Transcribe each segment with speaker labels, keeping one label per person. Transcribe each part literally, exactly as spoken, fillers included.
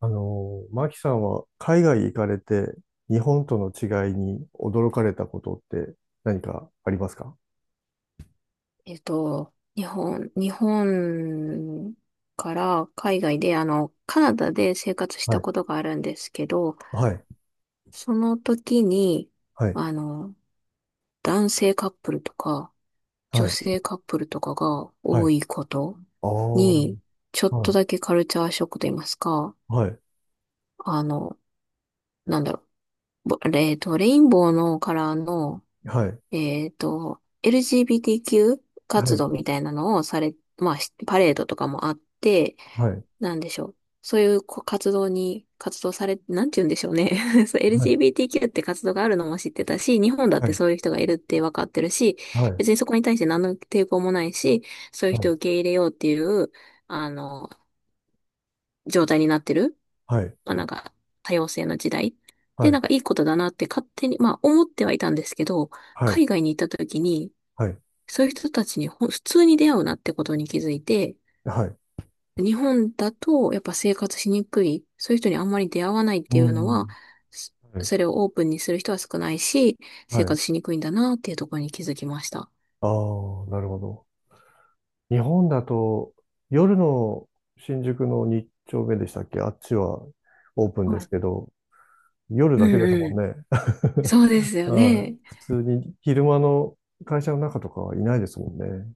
Speaker 1: あの、マキさんは海外行かれて日本との違いに驚かれたことって何かありますか？
Speaker 2: えっと、日本、日本から海外で、あの、カナダで生活し
Speaker 1: は
Speaker 2: た
Speaker 1: い。
Speaker 2: ことがあるんですけど、
Speaker 1: はい。
Speaker 2: その時に、
Speaker 1: はい。
Speaker 2: あの、男性カップルとか、女
Speaker 1: はい。
Speaker 2: 性カップルとかが
Speaker 1: はい。
Speaker 2: 多いこと
Speaker 1: ああ。
Speaker 2: に、ちょっ
Speaker 1: は
Speaker 2: と
Speaker 1: い。
Speaker 2: だけカルチャーショックと言いますか、
Speaker 1: はい。
Speaker 2: あの、なんだろう、ぼえっと、レインボーのカラーの、えっと、エルジービーティーキュー
Speaker 1: は
Speaker 2: 活
Speaker 1: い。
Speaker 2: 動みたいなのをされ、まあ、しパレードとかもあって、
Speaker 1: はい。
Speaker 2: なんでしょう。そういうこ活動に、活動され、なんて言うんでしょうね。そう
Speaker 1: はい。
Speaker 2: エルジービーティーキュー って活動があるのも知ってたし、日本だっ
Speaker 1: は
Speaker 2: て
Speaker 1: い。
Speaker 2: そういう人がいるって分かってるし、
Speaker 1: はい。
Speaker 2: 別にそこに対して何の抵抗もないし、そういう人を受け入れようっていう、あの、状態になってる。
Speaker 1: はい。
Speaker 2: まあなんか、多様性の時代。
Speaker 1: は
Speaker 2: で、なん
Speaker 1: い。
Speaker 2: かいいことだなって勝手に、まあ思ってはいたんですけど、
Speaker 1: はい。
Speaker 2: 海外に行った時に、
Speaker 1: はい。はい。
Speaker 2: そういう人たちにほん普通に出会うなってことに気づいて、
Speaker 1: はい。
Speaker 2: 日本だとやっぱ生活しにくい、そういう人にあんまり出会わないっ
Speaker 1: う
Speaker 2: ていうのは、
Speaker 1: ん。
Speaker 2: そ
Speaker 1: はい。
Speaker 2: それをオープンにする人は少ないし、
Speaker 1: は
Speaker 2: 生
Speaker 1: い。
Speaker 2: 活しにくいんだなっていうところに気づきました。
Speaker 1: ああ、なるほど。日本だと夜の新宿の日丁目でしたっけ？あっちはオープンで
Speaker 2: は
Speaker 1: す
Speaker 2: い。
Speaker 1: けど、夜
Speaker 2: う
Speaker 1: だけ
Speaker 2: ん
Speaker 1: ですも
Speaker 2: う
Speaker 1: ん
Speaker 2: ん。
Speaker 1: ね。
Speaker 2: そうです よ
Speaker 1: はい。
Speaker 2: ね。
Speaker 1: 普通に昼間の会社の中とかはいないですもんね。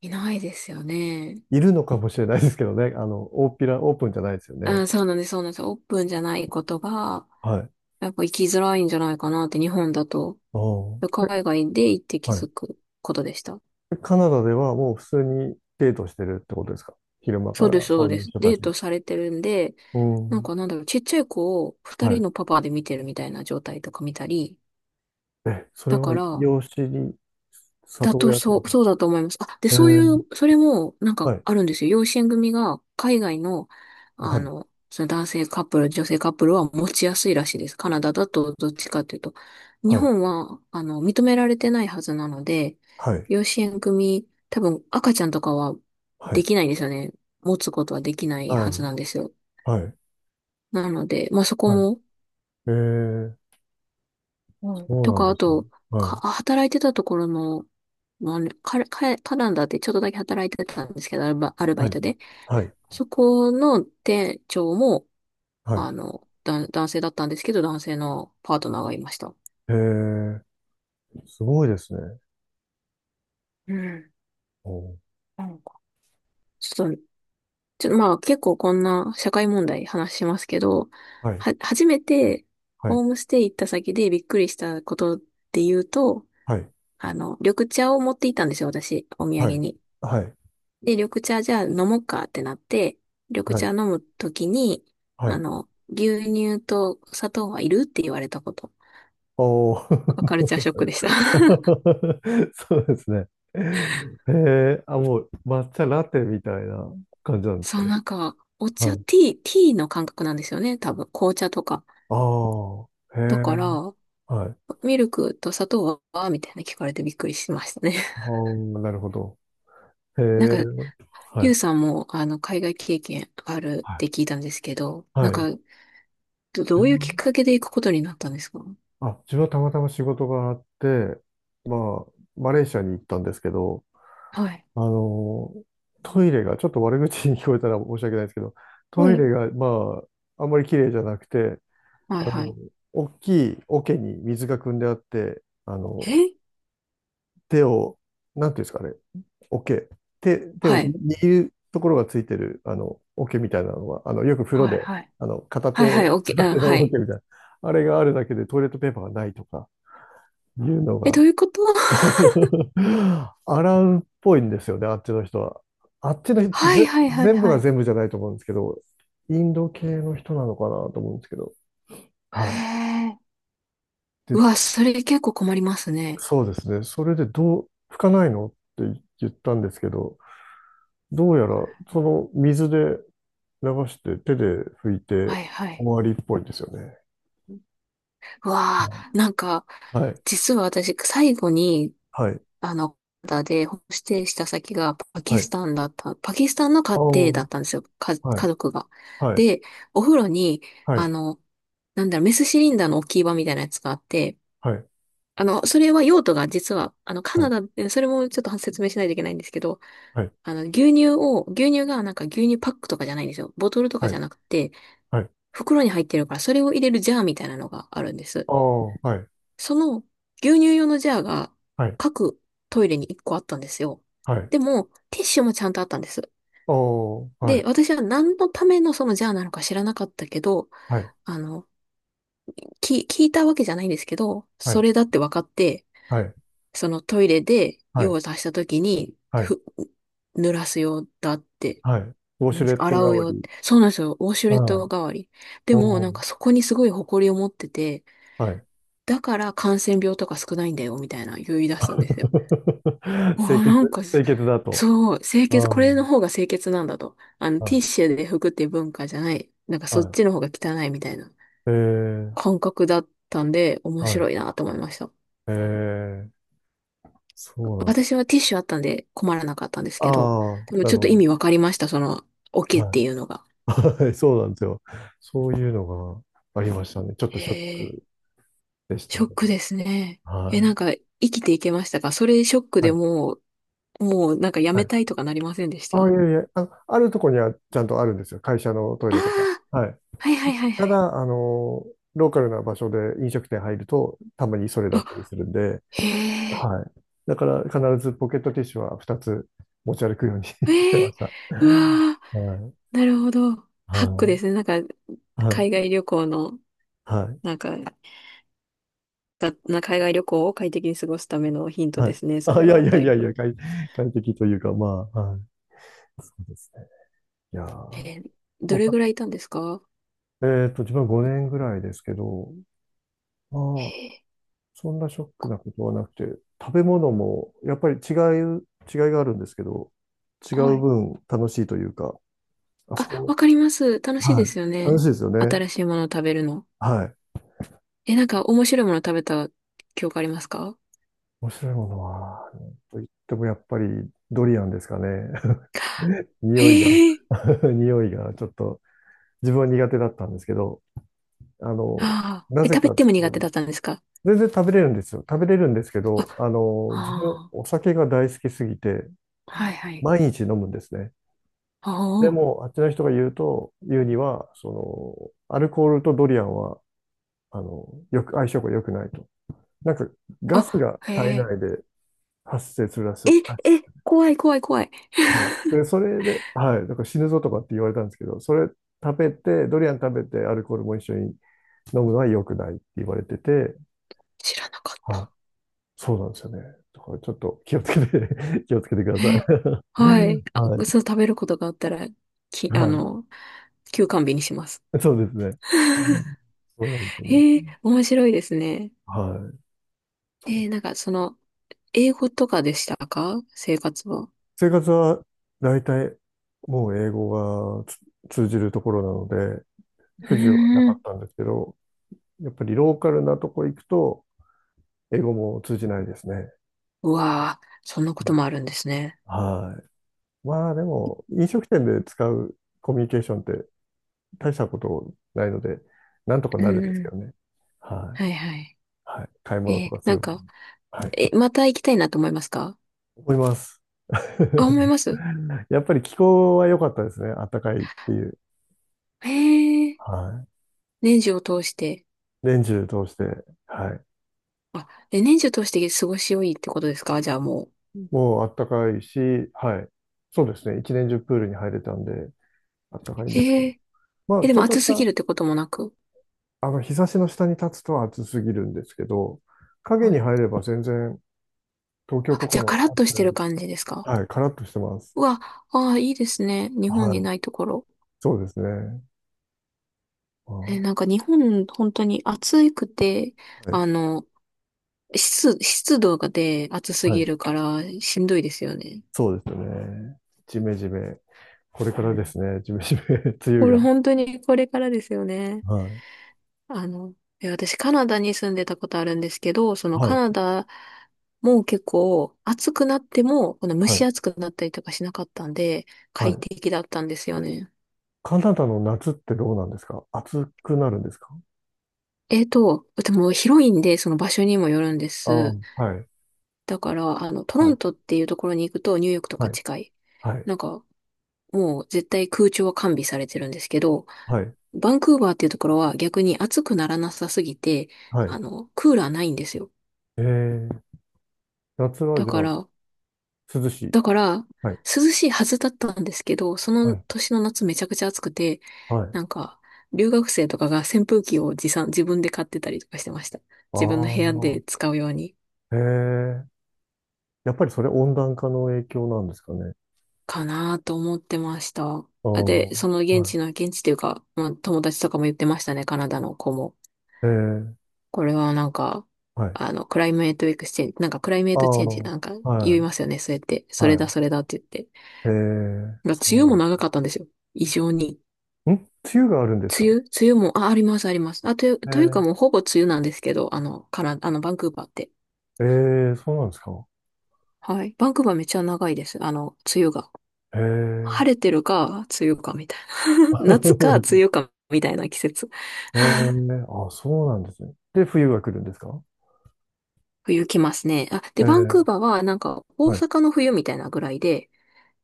Speaker 2: いないですよね。
Speaker 1: いるのかもしれないですけどね。あの、大っぴら、オープンじゃないですよね。
Speaker 2: あ、そうなんです、そうなんです。オープンじゃないことが、
Speaker 1: はい。
Speaker 2: やっぱ生きづらいんじゃないかなって日本だと。
Speaker 1: おえ、
Speaker 2: 海外で行って気
Speaker 1: はい。
Speaker 2: づくことでした。
Speaker 1: カナダではもう普通にデートしてるってことですか？昼間か
Speaker 2: そうです、
Speaker 1: ら
Speaker 2: そ
Speaker 1: そ
Speaker 2: う
Speaker 1: うい
Speaker 2: で
Speaker 1: う
Speaker 2: す。
Speaker 1: 人た
Speaker 2: デ
Speaker 1: ち
Speaker 2: ー
Speaker 1: が。
Speaker 2: トされてるんで、
Speaker 1: う
Speaker 2: なん
Speaker 1: ん。
Speaker 2: かなんだろう、ちっちゃい子を二
Speaker 1: は
Speaker 2: 人
Speaker 1: い。
Speaker 2: のパパで見てるみたいな状態とか見たり、
Speaker 1: え、それ
Speaker 2: だ
Speaker 1: は
Speaker 2: から、
Speaker 1: 養子に
Speaker 2: だ
Speaker 1: 里
Speaker 2: と
Speaker 1: 親って
Speaker 2: そ
Speaker 1: こ
Speaker 2: う、
Speaker 1: とです
Speaker 2: そう
Speaker 1: か？
Speaker 2: だと思います。あ、で、
Speaker 1: え
Speaker 2: そうい
Speaker 1: ー、
Speaker 2: う、それもなん
Speaker 1: は
Speaker 2: か
Speaker 1: い。
Speaker 2: あるんですよ。養子縁組が海外の、
Speaker 1: は
Speaker 2: あ
Speaker 1: い。
Speaker 2: の、その男性カップル、女性カップルは持ちやすいらしいです。カナダだとどっちかというと。日
Speaker 1: はい。
Speaker 2: 本は、あの、認められてないはずなので、
Speaker 1: はい。
Speaker 2: 養子縁組、多分赤ちゃんとかは
Speaker 1: は
Speaker 2: で
Speaker 1: い。
Speaker 2: きないんですよね。持つことはできない
Speaker 1: は
Speaker 2: はず
Speaker 1: い。
Speaker 2: なんですよ。
Speaker 1: はい。
Speaker 2: なので、まあ、そこ
Speaker 1: はい。
Speaker 2: も、
Speaker 1: えー、
Speaker 2: う
Speaker 1: そ
Speaker 2: ん。
Speaker 1: う
Speaker 2: と
Speaker 1: なん
Speaker 2: か、
Speaker 1: で
Speaker 2: あ
Speaker 1: すね。
Speaker 2: と、
Speaker 1: はい。
Speaker 2: か、働いてたところの、まあね、カカカナダでちょっとだけ働いてたんですけど、アルバ、アルバ
Speaker 1: は
Speaker 2: イ
Speaker 1: い。
Speaker 2: トで。
Speaker 1: はい。
Speaker 2: そこの店長も、
Speaker 1: はい。
Speaker 2: あの、だ、男性だったんですけど、男性のパートナーがいました。
Speaker 1: へえ、すごいですね。
Speaker 2: うん。
Speaker 1: おー
Speaker 2: なんか。ちょっと、ちょっとまあ結構こんな社会問題話しますけど、
Speaker 1: はい。
Speaker 2: は、初めて
Speaker 1: はい。
Speaker 2: ホームステイ行った先でびっくりしたことで言うと、
Speaker 1: はい。
Speaker 2: あの、緑茶を持って行ったんですよ、私、お土
Speaker 1: は
Speaker 2: 産
Speaker 1: い。
Speaker 2: に。
Speaker 1: はい。
Speaker 2: で、緑茶じゃあ飲もうかってなって、緑
Speaker 1: は
Speaker 2: 茶
Speaker 1: い。
Speaker 2: 飲むときに、
Speaker 1: は
Speaker 2: あ
Speaker 1: い。
Speaker 2: の、牛乳と砂糖はいるって言われたこと。
Speaker 1: おー。
Speaker 2: カルチャーショックでした。
Speaker 1: そうですね。へえ、あ、もう抹茶ラテみたいな感じな んです
Speaker 2: そ
Speaker 1: か
Speaker 2: う、
Speaker 1: ね。
Speaker 2: なんか、お茶、
Speaker 1: はい。
Speaker 2: ティー、ティーの感覚なんですよね、多分。紅茶とか。
Speaker 1: ああ、へ
Speaker 2: だか
Speaker 1: え、
Speaker 2: ら、
Speaker 1: はい。
Speaker 2: ミルクと砂糖はみたいな聞かれてびっくりしましたね。
Speaker 1: ああ、なるほど。へえ、
Speaker 2: なんか、
Speaker 1: は
Speaker 2: ゆう
Speaker 1: い。
Speaker 2: さんも、あの、海外経験ある
Speaker 1: は
Speaker 2: っ
Speaker 1: い。
Speaker 2: て聞いたんですけど、な
Speaker 1: は
Speaker 2: んか、
Speaker 1: い。
Speaker 2: ど、
Speaker 1: 自
Speaker 2: どういうきっ
Speaker 1: 分、
Speaker 2: かけで行くことになったんですか？
Speaker 1: あ、自分はたまたま仕事があって、まあ、マレーシアに行ったんですけど、
Speaker 2: はい。
Speaker 1: あの、トイレが、ちょっと悪口に聞こえたら申し訳ないですけど、
Speaker 2: は
Speaker 1: トイ
Speaker 2: い。
Speaker 1: レが、まあ、あんまり綺麗じゃなくて、
Speaker 2: はい
Speaker 1: あ
Speaker 2: は
Speaker 1: の、
Speaker 2: い。
Speaker 1: 大きい桶に水が汲んであって、あの、
Speaker 2: え
Speaker 1: 手を、なんていうんですかね、桶、手、手を
Speaker 2: は
Speaker 1: 握
Speaker 2: い。
Speaker 1: るところがついてる、あの、桶みたいなのは、あの、よく風呂
Speaker 2: はい
Speaker 1: で、
Speaker 2: はい。
Speaker 1: あの、片
Speaker 2: はいは
Speaker 1: 手、
Speaker 2: い、オッケー、
Speaker 1: 片
Speaker 2: うん、
Speaker 1: 手の
Speaker 2: はい。
Speaker 1: 桶みたいな、あれがあるだけでトイレットペーパーがないとか、いうの
Speaker 2: え、ど
Speaker 1: が、
Speaker 2: ういうこと？
Speaker 1: 洗うっぽいんですよね、あっちの人は。あっちの人、
Speaker 2: はい
Speaker 1: ぜ、
Speaker 2: はいはい
Speaker 1: 全部
Speaker 2: は
Speaker 1: が
Speaker 2: い。
Speaker 1: 全部じゃないと思うんですけど、インド系の人なのかなと思うんですけど。
Speaker 2: へ
Speaker 1: はい。
Speaker 2: え。う
Speaker 1: で、
Speaker 2: わ、それ結構困りますね。
Speaker 1: そうですね。それでどう、拭かないのって言ったんですけど、どうやらその水で流して手で拭いて
Speaker 2: はいは
Speaker 1: 終
Speaker 2: い。
Speaker 1: わりっぽいんですよね。
Speaker 2: う
Speaker 1: う
Speaker 2: わ
Speaker 1: ん。
Speaker 2: あ、なんか、
Speaker 1: はい。
Speaker 2: 実は私、最後に、
Speaker 1: はい。
Speaker 2: あの、カナダでホームステイした先がパキ
Speaker 1: は
Speaker 2: ス
Speaker 1: い。
Speaker 2: タンだった、パキスタンの
Speaker 1: あ
Speaker 2: 家
Speaker 1: あ、
Speaker 2: 庭
Speaker 1: は
Speaker 2: だったんですよ、か、
Speaker 1: い。
Speaker 2: 家族が。
Speaker 1: はい。
Speaker 2: で、お風呂に、
Speaker 1: は
Speaker 2: あ
Speaker 1: い。
Speaker 2: の、なんだろう、メスシリンダーの置き場みたいなやつがあって、
Speaker 1: はい。
Speaker 2: あの、それは用途が実は、あの、カナダで、それもちょっと説明しないといけないんですけど、
Speaker 1: はい。はい。
Speaker 2: あの、牛乳を、牛乳がなんか牛乳パックとかじゃないんですよ。ボトルとか
Speaker 1: は
Speaker 2: じ
Speaker 1: い。
Speaker 2: ゃなくて、
Speaker 1: はい。
Speaker 2: 袋に入ってるから、それを入れるジャーみたいなのがあるんです。
Speaker 1: ああ、はい。
Speaker 2: その牛乳用のジャーが
Speaker 1: はい。
Speaker 2: 各トイレにいっこあったんですよ。
Speaker 1: はい。
Speaker 2: でも、ティッシュもちゃんとあったんです。
Speaker 1: おー、は
Speaker 2: で、
Speaker 1: い、
Speaker 2: 私は何のためのそのジャーなのか知らなかったけど、
Speaker 1: はい、
Speaker 2: あの、き、聞いたわけじゃないんですけど、
Speaker 1: は
Speaker 2: そ
Speaker 1: い、
Speaker 2: れだって分かって、
Speaker 1: はい、
Speaker 2: そのトイレで
Speaker 1: は
Speaker 2: 用
Speaker 1: い、
Speaker 2: を足した時に、
Speaker 1: はい、
Speaker 2: ふ、濡らす用だって、
Speaker 1: はい。ウォ
Speaker 2: な
Speaker 1: シ
Speaker 2: ん
Speaker 1: ュ
Speaker 2: で
Speaker 1: レ
Speaker 2: す、
Speaker 1: ット代
Speaker 2: 洗う
Speaker 1: わ
Speaker 2: 用っ
Speaker 1: り。
Speaker 2: て。そうなんですよ。ウォシュレッ
Speaker 1: はい。
Speaker 2: ト代わり。でも、
Speaker 1: お
Speaker 2: なん
Speaker 1: ー、
Speaker 2: かそこにすごい誇りを持ってて、
Speaker 1: はい。
Speaker 2: だから感染病とか少ないんだよ、みたいな言い出すんですよ。あ
Speaker 1: 清
Speaker 2: あ、
Speaker 1: 潔、
Speaker 2: なんかす、
Speaker 1: 清潔だと。
Speaker 2: そう、清
Speaker 1: う
Speaker 2: 潔、これの
Speaker 1: ん。
Speaker 2: 方が清潔なんだと。あの、
Speaker 1: は
Speaker 2: ティッ
Speaker 1: い、
Speaker 2: シュで拭くっていう文化じゃない。なんかそっ
Speaker 1: は
Speaker 2: ちの方が汚いみたいな
Speaker 1: い。えー、
Speaker 2: 感覚だったんで、面
Speaker 1: はい。
Speaker 2: 白いなと思いました。
Speaker 1: えー、そうなんですよ。
Speaker 2: 私はティッシュあったんで困らなかったんです
Speaker 1: あ
Speaker 2: けど、
Speaker 1: あ、
Speaker 2: でも
Speaker 1: な
Speaker 2: ちょ
Speaker 1: る
Speaker 2: っと
Speaker 1: ほ
Speaker 2: 意
Speaker 1: ど。
Speaker 2: 味わかりました、その、オケっ
Speaker 1: は
Speaker 2: ていうのが。
Speaker 1: い。はい、そうなんですよ。そういうのがありましたね。ちょっと
Speaker 2: へ
Speaker 1: ショッ
Speaker 2: え、
Speaker 1: クでした
Speaker 2: ショ
Speaker 1: ね。
Speaker 2: ックですね。え、
Speaker 1: は
Speaker 2: なんか、
Speaker 1: い。
Speaker 2: 生きていけましたかそれショック
Speaker 1: は
Speaker 2: で
Speaker 1: い。
Speaker 2: も？う、もうなんかや
Speaker 1: は
Speaker 2: め
Speaker 1: い。
Speaker 2: たいとかなりませんでした
Speaker 1: ああ、い
Speaker 2: あ？
Speaker 1: えいえ、あ、あるとこにはちゃんとあるんですよ。会社のトイ
Speaker 2: あー、
Speaker 1: レとか。はい。
Speaker 2: はいはいはい
Speaker 1: た
Speaker 2: はい。
Speaker 1: だ、あの、ローカルな場所で飲食店入ると、たまにそれだ
Speaker 2: あ、
Speaker 1: ったりするんで、
Speaker 2: へえ、
Speaker 1: はい。だから必ずポケットティッシュはふたつ持ち歩くように して
Speaker 2: へ
Speaker 1: ま
Speaker 2: え、
Speaker 1: した。
Speaker 2: うわ
Speaker 1: はい。
Speaker 2: ー、なるほど。ハック
Speaker 1: は
Speaker 2: ですね。なんか、
Speaker 1: い。はい。
Speaker 2: 海外旅行の、
Speaker 1: はい。
Speaker 2: なんか、がな海外旅行を快適に過ごすためのヒント
Speaker 1: は
Speaker 2: で
Speaker 1: い。
Speaker 2: すね、そ
Speaker 1: あ、い
Speaker 2: れ
Speaker 1: やい
Speaker 2: は
Speaker 1: や
Speaker 2: だ
Speaker 1: い
Speaker 2: い
Speaker 1: やいや、
Speaker 2: ぶ。
Speaker 1: 快、快適というか、まあ、はい。そうですね。いや
Speaker 2: え
Speaker 1: ー、
Speaker 2: ーど
Speaker 1: 僕
Speaker 2: れ
Speaker 1: は、
Speaker 2: ぐらいいたんですか？
Speaker 1: えっと、自分はごねんぐらいですけど、まあ
Speaker 2: へ
Speaker 1: あそんなショックなことはなくて、食べ物もやっぱり違う、違いがあるんですけど、違
Speaker 2: ーは
Speaker 1: う
Speaker 2: い。
Speaker 1: 分楽しいというか、あそ
Speaker 2: あ、
Speaker 1: こ、
Speaker 2: わかります。楽しいで
Speaker 1: はい、
Speaker 2: すよ
Speaker 1: 楽
Speaker 2: ね。
Speaker 1: しいですよね。
Speaker 2: 新しいものを食べるの。
Speaker 1: はい。
Speaker 2: え、なんか面白いものを食べた記憶ありますか？
Speaker 1: 面白いものは、なんと言ってもやっぱりドリアンですかね。匂いが
Speaker 2: へえ。
Speaker 1: 匂いがちょっと自分は苦手だったんですけど、あの、
Speaker 2: ああ。
Speaker 1: な
Speaker 2: え、
Speaker 1: ぜ
Speaker 2: 食べ
Speaker 1: か
Speaker 2: ても苦手
Speaker 1: と、
Speaker 2: だったんですか？
Speaker 1: 全然食べれるんですよ。食べれるんですけど、
Speaker 2: あ、
Speaker 1: あの、自分
Speaker 2: あ
Speaker 1: お酒が大好きすぎて、
Speaker 2: あ。はいはい。
Speaker 1: 毎日飲むんですね。
Speaker 2: あ
Speaker 1: でも、あっちの人が言うと、言うには、その、アルコールとドリアンは、あの、よく、相性が良くないと。なんか、ガス
Speaker 2: あ。
Speaker 1: が
Speaker 2: あ、へ
Speaker 1: 体
Speaker 2: え。
Speaker 1: 内で発生するらし
Speaker 2: え、
Speaker 1: い。あ
Speaker 2: え、怖い怖い怖い。
Speaker 1: はい。で、それで、はい、だから死ぬぞとかって言われたんですけど、それ食べて、ドリアン食べて、アルコールも一緒に飲むのは良くないって言われてて、
Speaker 2: 知らなかっ
Speaker 1: はい、
Speaker 2: た。
Speaker 1: そうなんですよね。だからちょっと気をつけて 気をつけてください。
Speaker 2: え。はい。あ、
Speaker 1: はい、
Speaker 2: そう、食べることがあったら、き、あ
Speaker 1: は
Speaker 2: の、休館日にします。
Speaker 1: い、そうですね。う ん、そうなんですよね。
Speaker 2: へえ、面白いですね。
Speaker 1: はい。
Speaker 2: えー、なんかその、英語とかでしたか生活は？
Speaker 1: 生活は大体もう英語がつ通じるところなので、
Speaker 2: う
Speaker 1: 不自由はな
Speaker 2: ー
Speaker 1: かっ
Speaker 2: ん。
Speaker 1: たんですけど、やっぱりローカルなとこ行くと、英語も通じないですね。
Speaker 2: うわー、そんなこともあるんですね。
Speaker 1: はい。まあでも、飲食店で使うコミュニケーションって大したことないので、なんとか
Speaker 2: う
Speaker 1: な
Speaker 2: ん
Speaker 1: るんです
Speaker 2: う
Speaker 1: けど
Speaker 2: ん
Speaker 1: ね。はい。
Speaker 2: はいはい。
Speaker 1: はい。買い物と
Speaker 2: え
Speaker 1: か
Speaker 2: ー、
Speaker 1: す
Speaker 2: なん
Speaker 1: る。
Speaker 2: か、
Speaker 1: はい。
Speaker 2: え、また行きたいなと思いますか？
Speaker 1: 思います。
Speaker 2: あ、思い ます
Speaker 1: やっぱり気候は良かったですね。暖かいっていう。
Speaker 2: へえ、
Speaker 1: はい。
Speaker 2: 年中を通して。
Speaker 1: 年中通して。はい。
Speaker 2: あ、え、年中を通して過ごし良いってことですかじゃあも
Speaker 1: もうあったかいし、はい。そうですね。一年中プールに入れたんで、あったかいん
Speaker 2: う。
Speaker 1: ですけ
Speaker 2: へ
Speaker 1: ど。
Speaker 2: え、
Speaker 1: ま
Speaker 2: え、
Speaker 1: あ、
Speaker 2: で
Speaker 1: ち
Speaker 2: も
Speaker 1: ょっと
Speaker 2: 暑
Speaker 1: し
Speaker 2: すぎ
Speaker 1: た、
Speaker 2: るってこともなく。
Speaker 1: あの、日差しの下に立つと暑すぎるんですけど、影
Speaker 2: は
Speaker 1: に
Speaker 2: い。
Speaker 1: 入れば全然、東京
Speaker 2: あ、
Speaker 1: と
Speaker 2: じ
Speaker 1: か
Speaker 2: ゃあカ
Speaker 1: の
Speaker 2: ラッ
Speaker 1: 暑
Speaker 2: とし
Speaker 1: さ
Speaker 2: て
Speaker 1: よ
Speaker 2: る
Speaker 1: り、
Speaker 2: 感じですか？
Speaker 1: はい、カラッとしてます。
Speaker 2: うわ、ああ、いいですね。日本
Speaker 1: は
Speaker 2: に
Speaker 1: い。
Speaker 2: ないところ。
Speaker 1: そうですね。ああ、
Speaker 2: え、
Speaker 1: は
Speaker 2: なんか日本、本当に暑くて、あ
Speaker 1: い。
Speaker 2: の、湿、湿度がで暑す
Speaker 1: は
Speaker 2: ぎ
Speaker 1: い。
Speaker 2: るからしんどいですよね。
Speaker 1: そうですね。ジメジメ。これか
Speaker 2: う
Speaker 1: らで
Speaker 2: ん
Speaker 1: すね。ジメジメ、梅雨
Speaker 2: これ
Speaker 1: が。
Speaker 2: 本当にこれからですよね。
Speaker 1: はい。
Speaker 2: あの、え、私カナダに住んでたことあるんですけど、その
Speaker 1: は
Speaker 2: カ
Speaker 1: い。
Speaker 2: ナダも結構暑くなっても、この蒸
Speaker 1: は
Speaker 2: し
Speaker 1: い。
Speaker 2: 暑くなったりとかしなかったんで、
Speaker 1: は
Speaker 2: 快
Speaker 1: い。
Speaker 2: 適だったんですよね。
Speaker 1: カナダの夏ってどうなんですか？暑くなるんですか？
Speaker 2: えっと、でも広いんで、その場所にもよるんで
Speaker 1: ああ、
Speaker 2: す。
Speaker 1: はい。
Speaker 2: だから、あの、トロ
Speaker 1: は
Speaker 2: ン
Speaker 1: い。
Speaker 2: トっていうところに行くとニューヨークと
Speaker 1: は
Speaker 2: か
Speaker 1: い。
Speaker 2: 近い。
Speaker 1: はい。
Speaker 2: なんか、もう絶対空調は完備されてるんですけど、
Speaker 1: はい。
Speaker 2: バンクーバーっていうところは逆に暑くならなさすぎて、
Speaker 1: はい。
Speaker 2: あの、クーラーないんですよ。
Speaker 1: えー、夏は
Speaker 2: だ
Speaker 1: じゃ
Speaker 2: か
Speaker 1: あ、
Speaker 2: ら、
Speaker 1: 涼しい。
Speaker 2: だから、
Speaker 1: はい。
Speaker 2: 涼しいはずだったんですけど、そ
Speaker 1: は
Speaker 2: の
Speaker 1: い。
Speaker 2: 年の夏めちゃくちゃ暑くて、
Speaker 1: はい。
Speaker 2: なんか、留学生とかが扇風機を持参、自分で買ってたりとかしてました。
Speaker 1: あ
Speaker 2: 自分の
Speaker 1: あ、
Speaker 2: 部屋で使うように。
Speaker 1: へえー。やっぱりそれ温暖化の影響なんですかね。
Speaker 2: かなと思ってました。
Speaker 1: ああ、
Speaker 2: あで、その現
Speaker 1: は
Speaker 2: 地の、現地というか、まあ、友達とかも言ってましたね、カナダの子も。
Speaker 1: い。えー、
Speaker 2: これはなんか、
Speaker 1: はい。
Speaker 2: あの、クライメートエクスチェンジ、なんかクライメー
Speaker 1: あ
Speaker 2: トチ
Speaker 1: あ、
Speaker 2: ェンジなんか
Speaker 1: は
Speaker 2: 言い
Speaker 1: い。
Speaker 2: ますよね、そうやって。それだ、
Speaker 1: は
Speaker 2: それだって言って。
Speaker 1: い。えー、
Speaker 2: ま梅雨も
Speaker 1: そ
Speaker 2: 長かったんですよ。異常に。
Speaker 1: うなん。ん、梅雨があるんですか？
Speaker 2: 梅雨梅雨も、あ、あります、あります。あ、という、というかもう
Speaker 1: え
Speaker 2: ほぼ梅雨なんですけど、あの、カナ、あの、バンクーバーって。
Speaker 1: ー、えー、そうなんですか？
Speaker 2: はい。バンクーバーめっちゃ長いです。あの、梅雨が。
Speaker 1: えー、
Speaker 2: 晴れてるか、梅雨か、みたいな。夏か、梅 雨か、みたいな季節。
Speaker 1: え ー、あ、そうなんですね。で、冬が来るんですか？
Speaker 2: 冬来ますね。あ、
Speaker 1: え
Speaker 2: で、バンクー
Speaker 1: ー、
Speaker 2: バーはなんか大
Speaker 1: はい。
Speaker 2: 阪の冬みたいなぐらいで、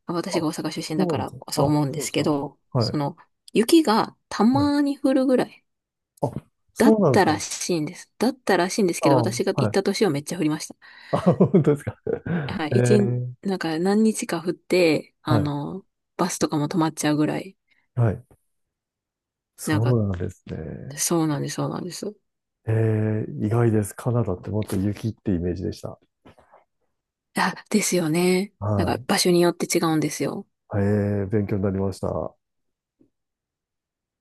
Speaker 2: あ私
Speaker 1: あ、
Speaker 2: が大阪出身だ
Speaker 1: そう
Speaker 2: か
Speaker 1: なんで
Speaker 2: ら
Speaker 1: すね。
Speaker 2: そう
Speaker 1: あ、
Speaker 2: 思うんで
Speaker 1: そうで
Speaker 2: す
Speaker 1: す
Speaker 2: け
Speaker 1: か。
Speaker 2: ど、
Speaker 1: は
Speaker 2: そ
Speaker 1: い。
Speaker 2: の雪がた
Speaker 1: はい、
Speaker 2: まに降るぐらい
Speaker 1: あ、
Speaker 2: だっ
Speaker 1: そうなんです
Speaker 2: た
Speaker 1: か。
Speaker 2: らしいんです。だったらしいんですけど、
Speaker 1: あ、
Speaker 2: 私が行っ
Speaker 1: はい。
Speaker 2: た年はめっちゃ降りまし
Speaker 1: あ、本当ですか。
Speaker 2: た。はい、
Speaker 1: え
Speaker 2: いちにち、
Speaker 1: ー、
Speaker 2: なんか何日か降って、
Speaker 1: は
Speaker 2: あ
Speaker 1: い。
Speaker 2: の、バスとかも止まっちゃうぐらい。
Speaker 1: はい。
Speaker 2: なん
Speaker 1: そ
Speaker 2: か、
Speaker 1: うなんですね。
Speaker 2: そうなんです、そうなんです。
Speaker 1: えー、意外です。カナダってもっと雪ってイメージでした。
Speaker 2: あ、ですよね。なん
Speaker 1: は
Speaker 2: か
Speaker 1: い。
Speaker 2: 場所によって違うんですよ。
Speaker 1: えー、勉強になりました。